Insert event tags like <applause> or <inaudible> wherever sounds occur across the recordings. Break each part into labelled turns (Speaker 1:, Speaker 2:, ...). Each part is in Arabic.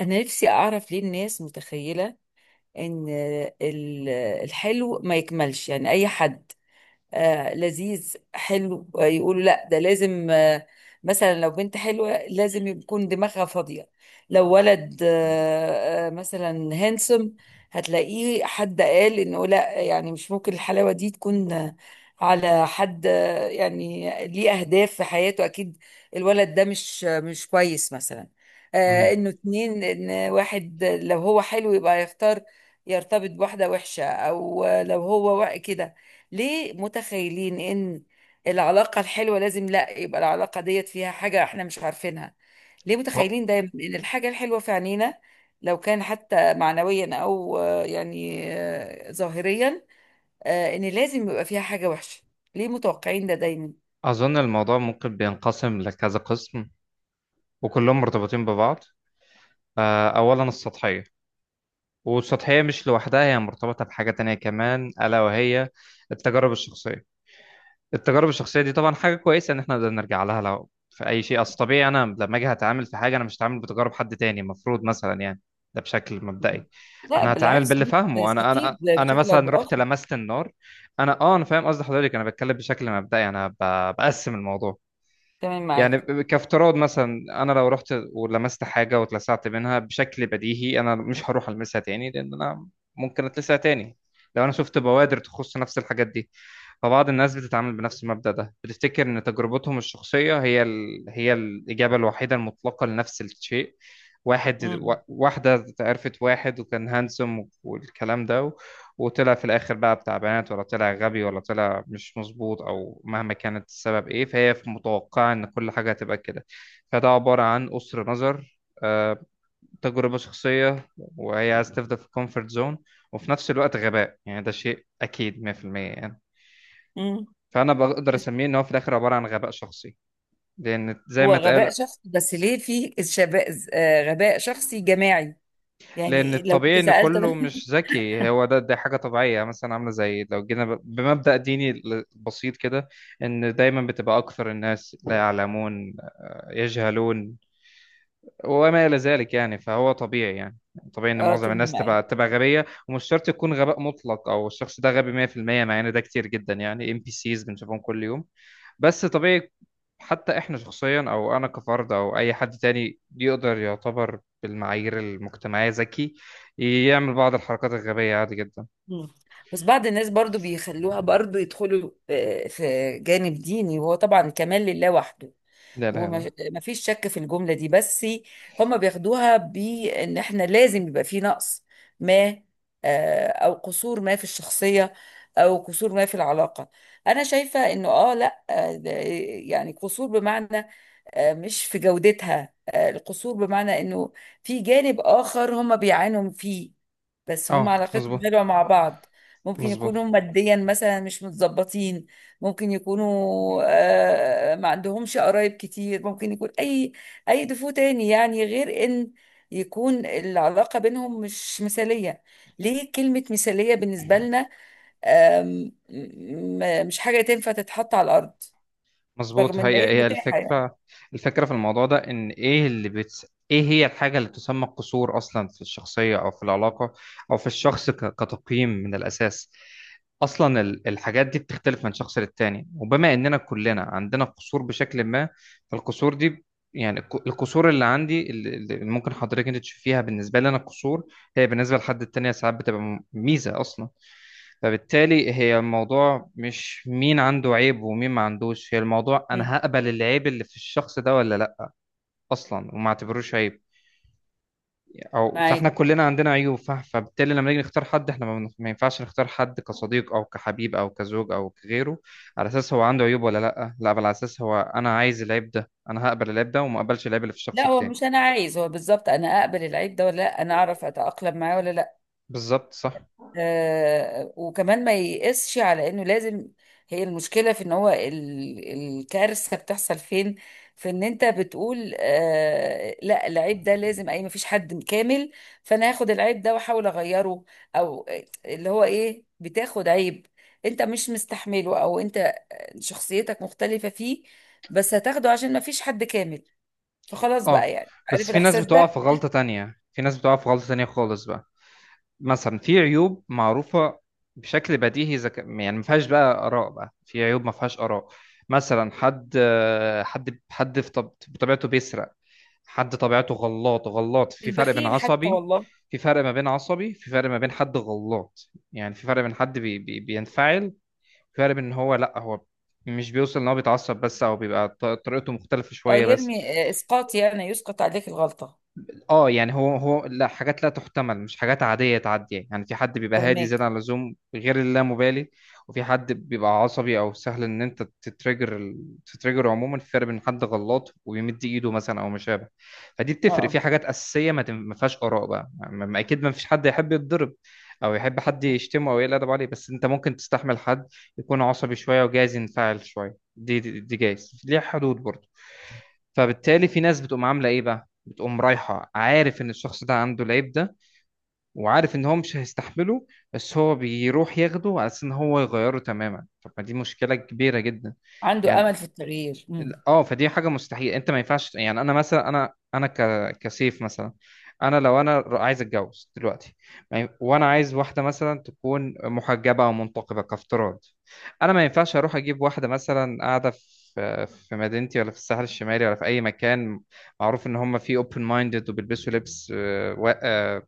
Speaker 1: أنا نفسي أعرف ليه الناس متخيلة إن ال- الحلو ما يكملش. يعني أي حد لذيذ حلو يقولوا لا ده لازم مثلا لو بنت حلوة لازم يكون دماغها فاضية، لو ولد مثلا هانسوم هتلاقيه حد قال انه لا، يعني مش ممكن الحلاوة دي تكون على حد، يعني ليه اهداف في حياته اكيد الولد ده مش مش كويس مثلا.
Speaker 2: مم.
Speaker 1: انه اتنين، ان واحد لو هو حلو يبقى يختار يرتبط بواحدة وحشة، او لو هو كده. ليه متخيلين ان العلاقة الحلوة لازم لا يبقى العلاقة ديت فيها حاجة احنا مش عارفينها؟ ليه
Speaker 2: هو-
Speaker 1: متخيلين دايما ان الحاجة الحلوة في عينينا لو كان حتى معنويا او ظاهريا، ان لازم يبقى فيها حاجة وحشة؟ ليه متوقعين ده دايما؟
Speaker 2: أظن الموضوع ممكن بينقسم لكذا قسم، وكلهم مرتبطين ببعض. أولا السطحية، والسطحية مش لوحدها، هي مرتبطة بحاجة تانية كمان ألا وهي التجارب الشخصية. التجارب الشخصية دي طبعا حاجة كويسة إن إحنا نقدر نرجع لها لو في أي شيء. أصل طبيعي أنا لما أجي هتعامل في حاجة، أنا مش هتعامل بتجارب حد تاني المفروض، مثلا يعني، ده بشكل
Speaker 1: مم.
Speaker 2: مبدئي.
Speaker 1: لا
Speaker 2: أنا هتعامل
Speaker 1: بالعكس،
Speaker 2: باللي فاهمه أنا أنا
Speaker 1: بنستفيد
Speaker 2: أنا
Speaker 1: بشكل او
Speaker 2: مثلا رحت
Speaker 1: باخر.
Speaker 2: لمست النار. أنا فاهم قصد حضرتك، أنا بتكلم بشكل مبدئي، بقسم الموضوع.
Speaker 1: تمام معاك.
Speaker 2: يعني كافتراض مثلا انا لو رحت ولمست حاجه واتلسعت منها، بشكل بديهي انا مش هروح المسها تاني لان انا ممكن اتلسع تاني لو انا شفت بوادر تخص نفس الحاجات دي. فبعض الناس بتتعامل بنفس المبدأ ده، بتفتكر إن تجربتهم الشخصية هي الإجابة الوحيدة المطلقة لنفس الشيء.
Speaker 1: مم.
Speaker 2: واحدة عرفت واحد وكان هانسوم والكلام ده وطلع في الآخر بقى بتاع بنات، ولا طلع غبي، ولا طلع مش مظبوط، أو مهما كانت السبب إيه، فهي في متوقعة إن كل حاجة هتبقى كده. فده عبارة عن قصر نظر، تجربة شخصية، وهي عايزة تفضل في الكومفورت زون، وفي نفس الوقت غباء. يعني ده شيء أكيد 100% يعني.
Speaker 1: مم.
Speaker 2: فانا بقدر اسميه ان هو في الاخر عباره عن غباء شخصي، لان زي
Speaker 1: هو
Speaker 2: ما
Speaker 1: غباء
Speaker 2: اتقال.
Speaker 1: شخصي، بس ليه في شباب غباء شخصي جماعي؟
Speaker 2: لان
Speaker 1: يعني لو انت
Speaker 2: الطبيعي ان
Speaker 1: سألت.
Speaker 2: كله مش ذكي، هو ده، دي حاجه طبيعيه، مثلا عامله زي لو جينا بمبدا ديني بسيط كده، ان دايما بتبقى اكثر الناس لا يعلمون، يجهلون، وما الى ذلك. يعني فهو طبيعي، يعني طبيعي ان
Speaker 1: اه
Speaker 2: معظم
Speaker 1: طب
Speaker 2: الناس
Speaker 1: معايا.
Speaker 2: تبقى غبيه، ومش شرط يكون غباء مطلق او الشخص ده غبي 100%، مع ان ده كتير جدا. يعني ام بي سيز بنشوفهم كل يوم، بس طبيعي. حتى احنا شخصيا، او انا كفرد او اي حد تاني يقدر يعتبر بالمعايير المجتمعية ذكي، يعمل بعض الحركات الغبية عادي جدا.
Speaker 1: مم. بس بعض الناس برضو بيخلوها، برضو يدخلوا في جانب ديني، وهو طبعا كمال لله وحده،
Speaker 2: لا، لا، لا.
Speaker 1: وما فيش شك في الجملة دي. بس هم بياخدوها بان احنا لازم يبقى في نقص ما، او قصور ما في الشخصية، او قصور ما في العلاقة. انا شايفة انه اه لا، يعني قصور بمعنى، مش في جودتها. القصور بمعنى انه في جانب اخر هم بيعانوا فيه، بس هم
Speaker 2: اه
Speaker 1: علاقتهم
Speaker 2: مظبوط،
Speaker 1: حلوة مع بعض. ممكن
Speaker 2: مظبوط،
Speaker 1: يكونوا ماديا مثلا مش متظبطين، ممكن يكونوا ما عندهمش قرايب كتير، ممكن يكون اي اي دفو تاني، يعني غير ان يكون العلاقة بينهم مش مثالية. ليه كلمة مثالية بالنسبة لنا، مش حاجة تنفع تتحط على الأرض،
Speaker 2: مظبوط،
Speaker 1: رغم ان
Speaker 2: هي
Speaker 1: هي
Speaker 2: هي
Speaker 1: متاحة يعني.
Speaker 2: الفكرة. الفكرة في الموضوع ده ان ايه ايه هي الحاجة اللي تسمى قصور اصلا في الشخصية او في العلاقة او في الشخص كتقييم من الاساس. اصلا الحاجات دي بتختلف من شخص للتاني، وبما اننا كلنا عندنا قصور بشكل ما، فالقصور دي يعني القصور اللي عندي، اللي ممكن حضرتك انت تشوفيها بالنسبه لي انا قصور، هي بالنسبه لحد التاني ساعات بتبقى ميزه اصلا. فبالتالي هي الموضوع مش مين عنده عيب ومين ما عندوش، هي الموضوع انا
Speaker 1: مم.
Speaker 2: هقبل العيب اللي في الشخص ده ولا لا اصلا، وما اعتبروش عيب او. فاحنا
Speaker 1: معاك.
Speaker 2: كلنا عندنا عيوب، فبالتالي لما نيجي نختار حد، احنا ما ينفعش نختار حد كصديق او كحبيب او كزوج او كغيره على اساس هو عنده عيوب ولا لا، لا بل على اساس هو انا عايز العيب ده، انا هقبل العيب ده وما اقبلش العيب اللي في الشخص
Speaker 1: لا هو
Speaker 2: التاني.
Speaker 1: مش انا عايز، هو بالظبط انا اقبل العيب ده ولا لا، انا اعرف اتأقلم معاه ولا لا.
Speaker 2: بالظبط صح.
Speaker 1: وكمان ما يقسش على انه لازم. هي المشكلة في ان هو الكارثة بتحصل فين؟ في ان انت بتقول آه لا العيب ده لازم اي، مفيش حد كامل، فانا هاخد العيب ده واحاول اغيره. او اللي هو ايه، بتاخد عيب انت مش مستحمله، او انت شخصيتك مختلفة فيه، بس هتاخده عشان مفيش حد كامل، فخلاص بقى.
Speaker 2: اه
Speaker 1: يعني
Speaker 2: بس
Speaker 1: عارف
Speaker 2: في ناس
Speaker 1: الاحساس
Speaker 2: بتقع
Speaker 1: ده؟
Speaker 2: في غلطة تانية، في ناس بتقع في غلطة تانية خالص بقى. مثلا في عيوب معروفة بشكل بديهي يعني ما فيهاش بقى آراء، بقى في عيوب ما فيهاش آراء. مثلا حد، حد في بطبيعته بيسرق، حد طبيعته غلاط غلاط، في فرق بين
Speaker 1: البخيل حتى
Speaker 2: عصبي،
Speaker 1: والله.
Speaker 2: في فرق ما بين عصبي، في فرق ما بين حد غلاط. يعني في فرق بين حد بي بينفعل، في فرق بين ان هو، لا هو مش بيوصل ان هو بيتعصب بس، او بيبقى طريقته مختلفة
Speaker 1: اه
Speaker 2: شوية بس.
Speaker 1: يرمي، اسقاط، يعني يسقط عليك الغلطة.
Speaker 2: اه يعني هو، لا، حاجات لا تحتمل مش حاجات عادية تعدي. يعني في حد بيبقى هادي
Speaker 1: فهماك.
Speaker 2: زيادة عن اللزوم غير اللامبالي، وفي حد بيبقى عصبي او سهل ان انت تتريجر، تتريجر عموما. في فرق بين حد غلط ويمد ايده مثلا او ما شابه، فدي بتفرق
Speaker 1: اه.
Speaker 2: في حاجات اساسية ما فيهاش اراء بقى، اكيد ما فيش حد يحب يتضرب، او يحب حد
Speaker 1: آه.
Speaker 2: يشتمه او يقل ادب عليه. بس انت ممكن تستحمل حد يكون عصبي شوية وجايز ينفعل شوية، دي جايز ليها حدود برضه. فبالتالي في ناس بتقوم عامله ايه بقى، بتقوم رايحه عارف ان الشخص ده عنده العيب ده، وعارف ان هو مش هيستحمله، بس هو بيروح ياخده على اساس ان هو يغيره تماما. طب ما دي مشكله كبيره جدا
Speaker 1: عنده
Speaker 2: يعني.
Speaker 1: امل في التغيير. امم.
Speaker 2: اه فدي حاجه مستحيل، انت ما ينفعش، يعني انا مثلا، كسيف مثلا، انا لو انا عايز اتجوز دلوقتي، ما ين- وانا عايز واحده مثلا تكون محجبه او منتقبه كافتراض، انا ما ينفعش اروح اجيب واحده مثلا قاعده في مدينتي ولا في الساحل الشمالي ولا في اي مكان معروف ان هم فيه اوبن مايندد وبيلبسوا لبس،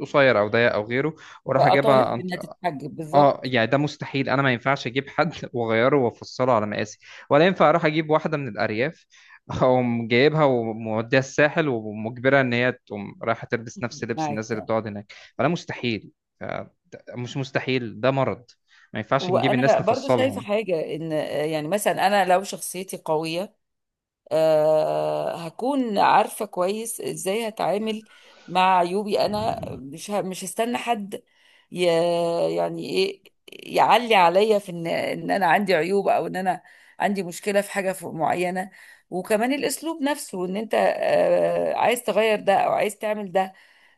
Speaker 2: قصير او ضيق او غيره، واروح اجيبها.
Speaker 1: واطالب انها تتحجب
Speaker 2: اه
Speaker 1: بالظبط.
Speaker 2: يعني ده مستحيل، انا ما ينفعش اجيب حد <laughs> واغيره وافصله على مقاسي، ولا ينفع اروح اجيب واحده من الارياف <laughs> اقوم جايبها وموديها الساحل ومجبرها ان هي تقوم رايحه تلبس نفس لبس
Speaker 1: معاك
Speaker 2: الناس اللي
Speaker 1: تمام.
Speaker 2: بتقعد هناك. فده مستحيل، آه، مش مستحيل ده مرض. ما ينفعش نجيب
Speaker 1: وانا
Speaker 2: الناس
Speaker 1: برضو شايفه
Speaker 2: نفصلهم.
Speaker 1: حاجه، ان يعني مثلا انا لو شخصيتي قويه، هكون عارفة كويس ازاي هتعامل مع عيوبي، انا مش هستنى حد ي- يعني ايه، يعلي عليا في ان انا عندي عيوب، او ان انا عندي مشكلة في حاجة معينة. وكمان الاسلوب نفسه، ان انت عايز تغير ده او عايز تعمل ده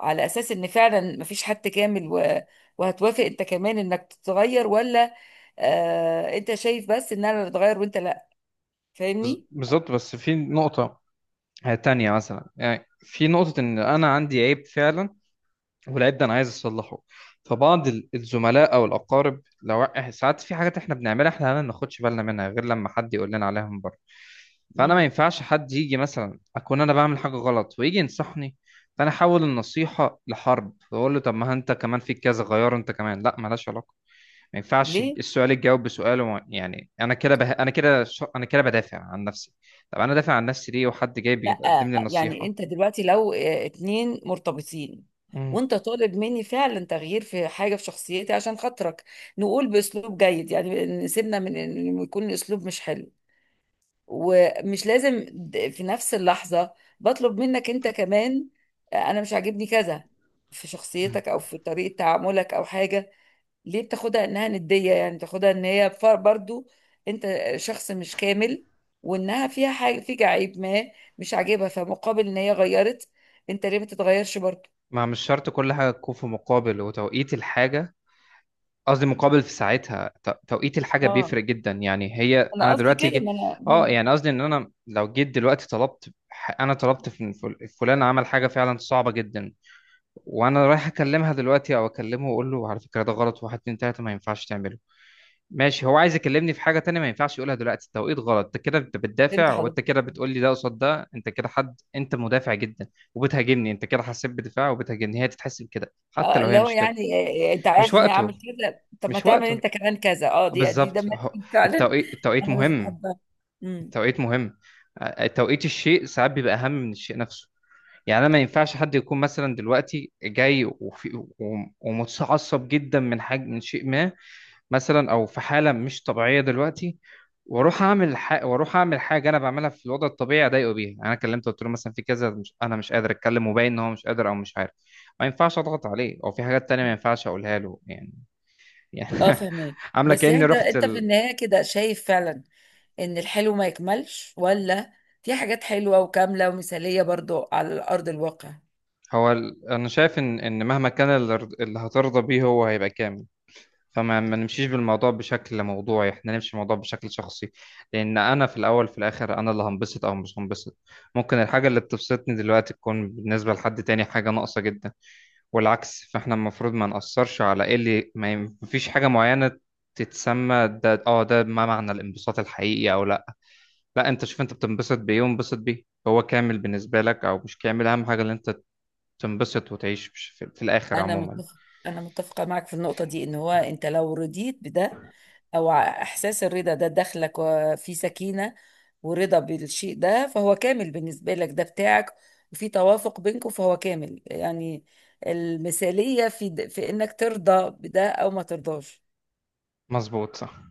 Speaker 1: على اساس ان فعلا مفيش حد كامل، و- وهتوافق انت كمان انك تتغير، ولا انت شايف بس ان انا اللي اتغير وانت لا؟ فاهمني؟
Speaker 2: بالظبط، بس في نقطه تانية مثلا، يعني في نقطه ان انا عندي عيب فعلا، والعيب ده انا عايز اصلحه، فبعض الزملاء او الاقارب لو ساعات في حاجات احنا بنعملها، احنا ما بناخدش بالنا منها غير لما حد يقول لنا عليها من بره. فانا ما
Speaker 1: مم.
Speaker 2: ينفعش حد يجي مثلا اكون انا بعمل حاجه غلط ويجي ينصحني، فانا احول النصيحه لحرب واقول له طب ما انت كمان فيك كذا، غيره انت كمان، لا ملهاش علاقه. ما ينفعش
Speaker 1: ليه؟
Speaker 2: السؤال يتجاوب بسؤاله، يعني انا كده انا كده انا كده بدافع عن نفسي. طب انا دافع عن نفسي ليه وحد جاي
Speaker 1: لا
Speaker 2: بيقدم لي
Speaker 1: يعني
Speaker 2: نصيحه؟
Speaker 1: انت دلوقتي لو اتنين مرتبطين، وانت طالب مني فعلا تغيير في حاجه في شخصيتي عشان خاطرك، نقول باسلوب جيد يعني، نسيبنا من انه يكون الاسلوب مش حلو، ومش لازم في نفس اللحظه بطلب منك انت كمان انا مش عاجبني كذا في
Speaker 2: مم.
Speaker 1: شخصيتك، او في طريقه تعاملك او حاجه. ليه بتاخدها انها ندية، يعني بتاخدها ان هي برضو انت شخص مش كامل، وانها فيها حاجة فيك عيب ما مش عاجبها، فمقابل ان هي غيرت انت ليه ما تتغيرش برضو؟
Speaker 2: ما مش شرط كل حاجة تكون في مقابل، وتوقيت الحاجة، قصدي مقابل في ساعتها، توقيت الحاجة
Speaker 1: اه
Speaker 2: بيفرق جدا. يعني هي
Speaker 1: انا
Speaker 2: أنا
Speaker 1: قصدي
Speaker 2: دلوقتي
Speaker 1: كده، ما انا.
Speaker 2: اه يعني قصدي إن أنا لو جيت دلوقتي طلبت أنا طلبت في فلان عمل حاجة فعلا صعبة جدا، وأنا رايح أكلمها دلوقتي أو أكلمه وأقول له على فكرة ده غلط، واحد اتنين تلاتة ما ينفعش تعمله، ماشي. هو عايز يكلمني في حاجة تانية ما ينفعش يقولها دلوقتي، التوقيت غلط، انت كده انت
Speaker 1: فهمت
Speaker 2: بتدافع،
Speaker 1: حضرتك.
Speaker 2: وانت كده بتقول لي ده قصاد ده، انت كده حد، انت مدافع جدا وبتهاجمني، انت كده حسيت بدفاع وبتهاجمني، هي تتحسب كده حتى
Speaker 1: اه
Speaker 2: لو
Speaker 1: اللي
Speaker 2: هي
Speaker 1: هو
Speaker 2: مش كده.
Speaker 1: يعني انت
Speaker 2: مش
Speaker 1: عايز اني اعمل
Speaker 2: وقته،
Speaker 1: كذا، طب ما
Speaker 2: مش
Speaker 1: تعمل انت
Speaker 2: وقته،
Speaker 1: كمان كذا. اه دي دي ده
Speaker 2: بالظبط.
Speaker 1: ماتشنج فعلا
Speaker 2: التوقيت،
Speaker 1: <laughs>
Speaker 2: التوقيت
Speaker 1: انا مش
Speaker 2: مهم،
Speaker 1: بحبها. امم.
Speaker 2: التوقيت مهم. توقيت الشيء ساعات بيبقى أهم من الشيء نفسه. يعني انا ما ينفعش حد يكون مثلا دلوقتي جاي ومتعصب جدا من حاجة، من شيء ما مثلا، او في حاله مش طبيعيه دلوقتي، واروح اعمل واروح اعمل حاجه انا بعملها في الوضع الطبيعي اضايقه بيها. يعني انا كلمته قلت له مثلا في كذا مش... انا مش قادر اتكلم، وباين ان هو مش قادر او مش عارف، ما ينفعش اضغط عليه، او في حاجات تانية ما
Speaker 1: مم.
Speaker 2: ينفعش اقولها له يعني. يعني
Speaker 1: اه
Speaker 2: <laughs>
Speaker 1: فهمك.
Speaker 2: عامله
Speaker 1: بس
Speaker 2: كاني
Speaker 1: يعني ده
Speaker 2: رحت
Speaker 1: انت في النهاية كده شايف فعلا ان الحلو ما يكملش، ولا في حاجات حلوة وكاملة ومثالية برضو على أرض الواقع؟
Speaker 2: هو انا شايف ان مهما كان اللي هترضى بيه هو هيبقى كامل. فما ما نمشيش بالموضوع بشكل موضوعي، احنا نمشي الموضوع بشكل شخصي، لان انا في الاول في الاخر انا اللي هنبسط او مش هنبسط. ممكن الحاجه اللي بتبسطني دلوقتي تكون بالنسبه لحد تاني حاجه ناقصه جدا والعكس. فاحنا المفروض ما نأثرش على ايه اللي ما ي- مفيش حاجه معينه تتسمى ده، اه ده ما معنى الانبساط الحقيقي او لا، لا. انت شوف انت بتنبسط بايه، وانبسط بيه، هو كامل بالنسبه لك او مش كامل، اهم حاجه اللي انت تنبسط وتعيش في في الاخر
Speaker 1: أنا
Speaker 2: عموما.
Speaker 1: متفق، أنا متفقة معك في النقطة دي، إن هو أنت لو رضيت بده، إحساس الرضا ده داخلك وفي سكينة ورضا بالشيء ده، فهو كامل بالنسبة لك، ده بتاعك، وفي توافق بينكم، فهو كامل يعني. المثالية في، في إنك ترضى بده أو ما ترضاش.
Speaker 2: مظبوط صح.